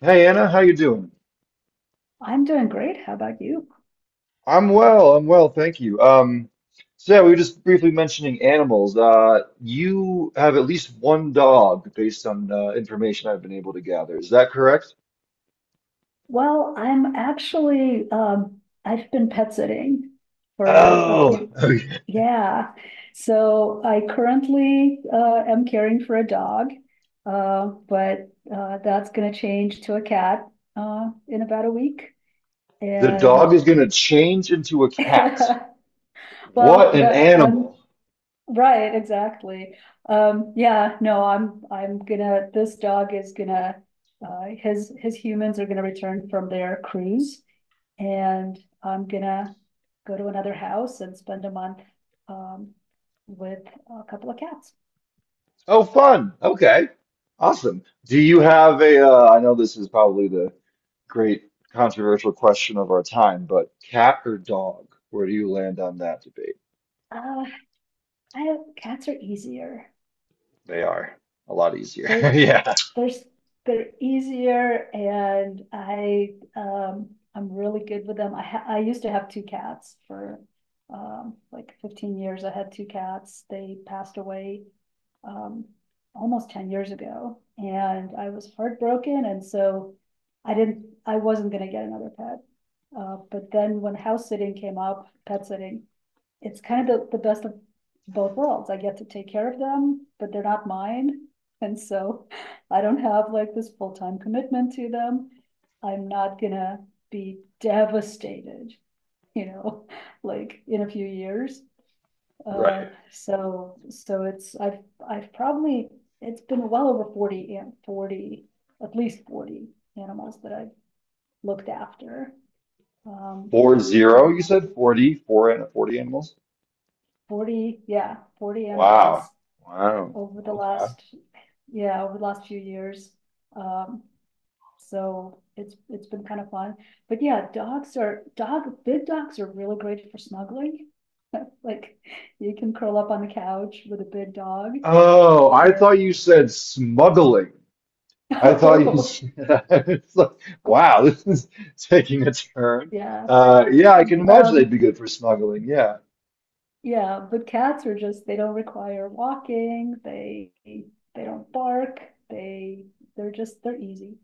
Hey Anna, how you doing? I'm doing great. How about you? I'm well, thank you. So yeah, we were just briefly mentioning animals. You have at least one dog based on information I've been able to gather. Is that correct? Well, I'm actually I've been pet sitting for a Oh, few, okay. yeah. So I currently am caring for a dog. But that's gonna change to a cat in about a week. The dog And is going to change into a cat. well, What an the I'm animal. Right, exactly. Yeah, no, I'm gonna this dog is gonna his humans are gonna return from their cruise, and I'm gonna go to another house and spend a month um with a couple of cats. Oh, fun. Okay. Awesome. Do you have a, I know this is probably the great controversial question of our time, but cat or dog? Where do you land on that debate? Uh I Cats are easier. They are a lot easier. They're Yeah, they're they're easier, and I I'm really good with them. I used to have two cats for like 15 years. I had two cats. They passed away um almost 10 years ago, and I was heartbroken, and so I wasn't going to get another pet. But then when house sitting came up, pet sitting, it's kind of the best of both worlds. I get to take care of them, but they're not mine. And so I don't have like this full time commitment to them. I'm not gonna be devastated, you know, like in a few years. Uh, right. so it's I've probably it's been well over 40 and 40, at least 40 animals that I've looked after, um 40, over you said 40, four and 40 animals? 40, yeah, 40 Wow. animals Wow. over the Okay. last, yeah, over the last few years. Um, so it's been kind of fun. But yeah, dogs are dog big dogs are really great for snuggling. Like you can curl up on the couch with a big dog, Oh, I thought and you said smuggling. I thought you oh said, it's like, wow, this is taking a turn. yeah. Yeah, I can imagine they'd Um be good for smuggling. Yeah, yeah, but cats are just they don't require walking, they don't bark, they they're just they're easy.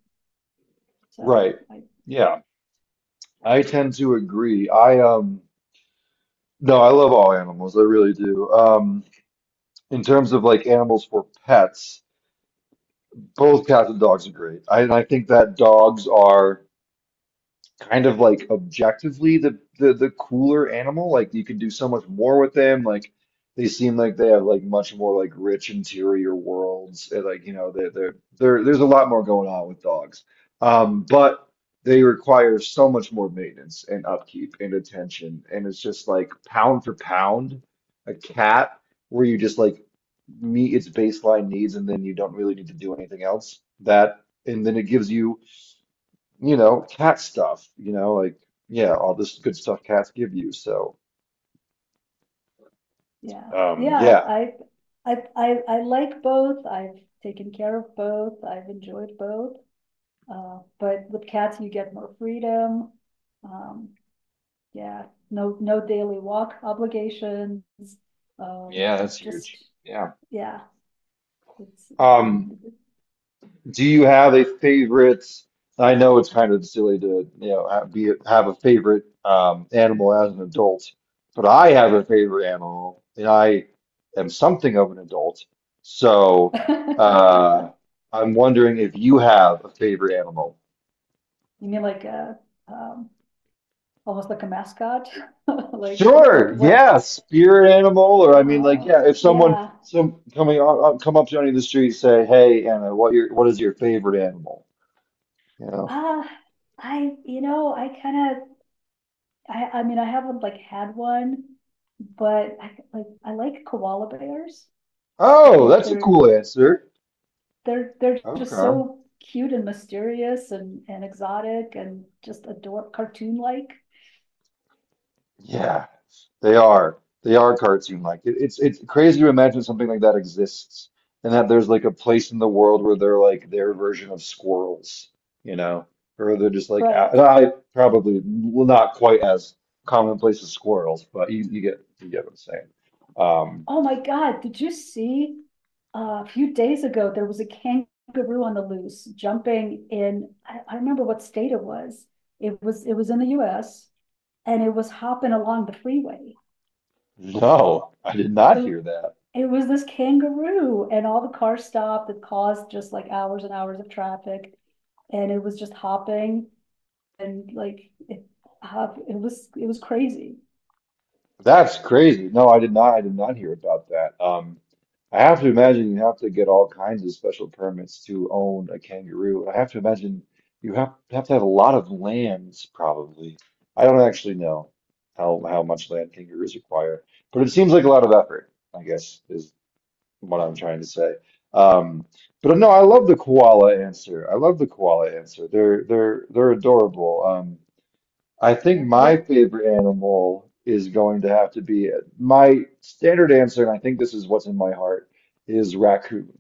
So right. I Yeah, I tend to agree. No, I love all animals. I really do. In terms of like animals for pets, both cats and dogs are great. And I think that dogs are kind of like objectively the cooler animal. Like you can do so much more with them. Like they seem like they have like much more like rich interior worlds. And like you know there's a lot more going on with dogs. But they require so much more maintenance and upkeep and attention. And it's just like pound for pound, a cat where you just like meet its baseline needs and then you don't really need to do anything else. That and then it gives you cat stuff, yeah, all this good stuff cats give you. So, yeah, yeah, yeah, I like both. I've taken care of both. I've enjoyed both. But with cats, you get more freedom. Um, yeah, no, no daily walk obligations. Um, yeah, that's huge. just, Yeah. yeah, it's, it, Um, it- it. do you have a favorite? I know it's kind of silly to, be have a favorite animal as an adult, but I have a favorite animal, and I am something of an adult. So, uh, I'm wondering if you have a favorite animal. You mean like a, um, almost like a mascot, like Sure. what? Yeah. Spirit animal, or I mean, like, Oh, yeah. If someone yeah. some coming on, come up to any of the street, say, "Hey, Anna, what is your favorite animal?" You know. Ah, uh, I, you know, I kind of I mean, I haven't like had one, but I like koala bears. I Oh, think that's a they're cool answer. they're they're just Okay. so cute and mysterious and exotic, and just adore cartoon like. Yeah, they are. They are cartoon like. It's crazy to imagine something like that exists and that there's like a place in the world where they're like their version of squirrels, you know, or they're just like a- Right. and I probably well, not quite as commonplace as squirrels, but you get what I'm saying. Um, Oh my God, did you see a few days ago there was a kangaroo on the loose jumping in. I remember what state it was. It was in the US, and it was hopping along the freeway. no, I did not It hear that. it was this kangaroo, and all the cars stopped. It caused just like hours and hours of traffic. And it was just hopping, and it was crazy. That's crazy. No, I did not. I did not hear about that. I have to imagine you have to get all kinds of special permits to own a kangaroo. I have to imagine you have to have a lot of lands, probably. I don't actually know how much land kangaroos require, but it seems like a lot of effort, I guess, is what I'm trying to say. Um, but no, I love the koala answer. I love the koala answer. They're adorable. I think Yeah. my What favorite animal is going to have to be my standard answer, and I think this is what's in my heart, is raccoon.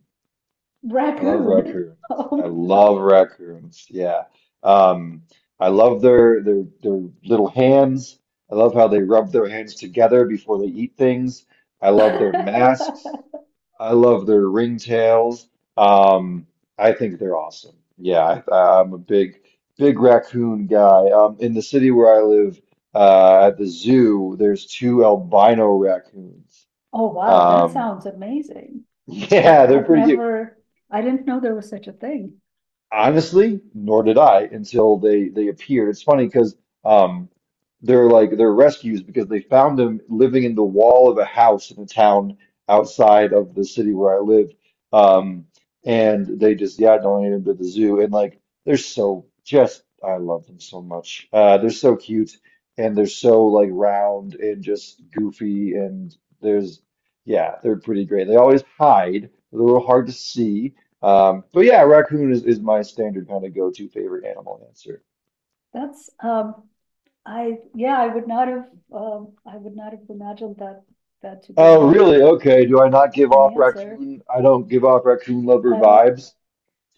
I love Raccoon? raccoons. I Um, love raccoons. Yeah. Um, I love their little hands. I love how they rub their hands together before they eat things. I love their masks. I love their ringtails. Um, I think they're awesome. I'm a big, big raccoon guy. In the city where I live, at the zoo, there's two albino raccoons. Oh wow, that Um, sounds amazing. Yeah, they're I've pretty cute. never. I didn't know there was such a thing. Honestly, nor did I until they appeared. It's funny because um, they're like they're rescues because they found them living in the wall of a house in a town outside of the city where I lived. Um, and they just yeah donated them to the zoo and like they're so just I love them so much. They're so cute and they're so like round and just goofy and there's yeah they're pretty great. They always hide. They're a little hard to see but yeah, raccoon is my standard kind of go-to favorite animal answer. That's I yeah, I would not have imagined that to be Oh, really? Okay. Do I not give an off answer. raccoon? I don't give off raccoon lover Uh vibes.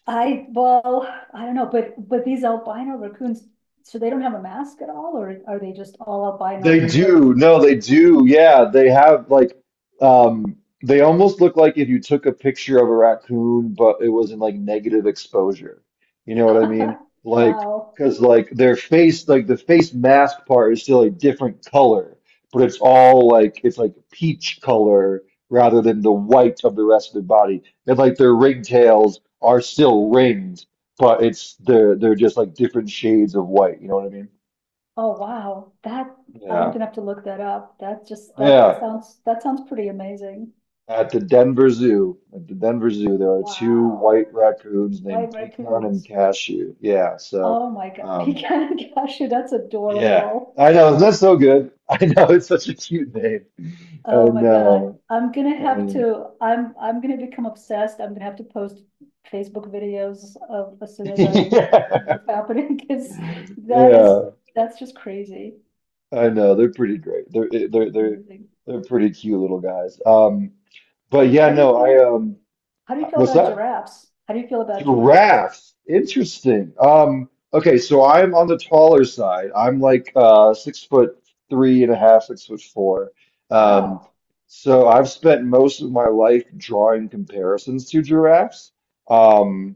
well, I don't know, but, these albino raccoons, so they don't have a mask at all, or are they just all They albino, but do. with, No, they do. Yeah, they have like um they almost look like if you took a picture of a raccoon, but it was in like negative exposure. You know what I mean? Like, wow. because like their face, like the face mask part is still a different color, but it's all like it's like peach color rather than the white of the rest of their body. And like their ringtails are still ringed, but it's they're just like different shades of white. You know what I mean? Oh, wow. I'm Yeah. gonna have to look that up. Yeah. That sounds pretty amazing. At the Denver Zoo, there are two Wow. white raccoons named White Pecan and raccoons. Cashew. Yeah, so, Oh my God. um, Pecan cashew, that's yeah, adorable. I know Like, that's so good. I know it's such a cute name. I Oh my God, know. I'm gonna have I, to, I'm gonna become obsessed. I'm gonna have to post Facebook videos of, as soon as I, yeah, what's happening, because that is, yeah, that's just crazy. I know they're pretty great. They're eh, That's amazing. they're pretty cute little guys. But Yeah. yeah, How do you no, I feel? How do you feel what's about that? giraffes? How do you feel about giraffes? Giraffes, interesting. Okay, so I'm on the taller side. I'm like 6 foot three and a half, 6 foot four. Um, Wow. so I've spent most of my life drawing comparisons to giraffes. Um,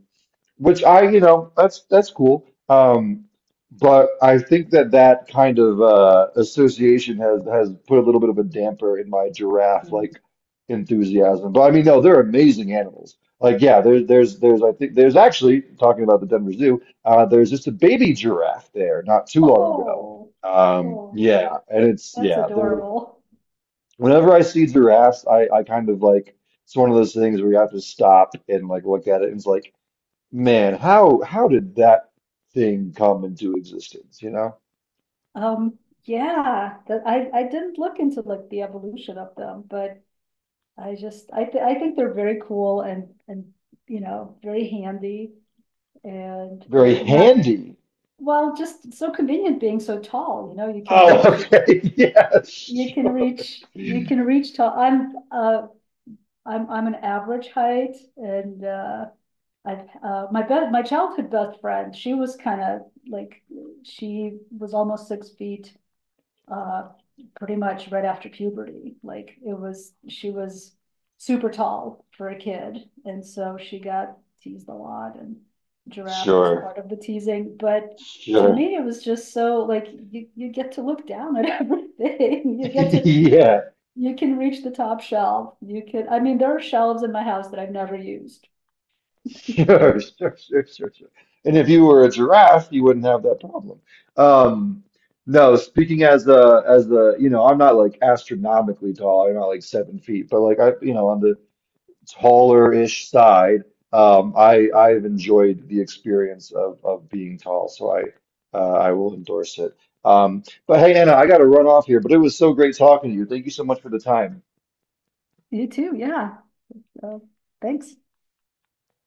which I, you know, that's cool. But I think that that kind of association has put a little bit of a damper in my giraffe Mm. like enthusiasm. But I mean, no, they're amazing animals. Like, yeah, I think there's actually talking about the Denver Zoo. There's just a baby giraffe there not too long ago. Oh, oh, Yeah, and it's that's yeah. There, adorable. whenever I see giraffes, I kind of like it's one of those things where you have to stop and like look at it and it's like, man, how did that thing come into existence? You know, Um, yeah, that I didn't look into like the evolution of them, but I just, I think they're very cool, and very handy, and I very not, handy. well, just so convenient being so tall, Oh, okay, yeah, you can reach tall. I'm, I'm an average height, and, I, my childhood best friend, she was kind of like, she was almost 6 feet, uh, pretty much right after puberty. She was super tall for a kid. And so she got teased a lot, and giraffe was sure, part of the teasing. But to sure, me, it was just so like you get to look down at everything. Yeah. You can reach the top shelf. I mean, there are shelves in my house that I've never used. Sure. And if you were a giraffe, you wouldn't have that problem. Um, no, speaking as the you know, I'm not like astronomically tall. I'm not like 7 feet, but like I, you know, on the taller-ish side, I've enjoyed the experience of being tall, so I will endorse it. But hey, Anna, I got to run off here, but it was so great talking to you. Thank you so much for the time. You too. Yeah. So, thanks.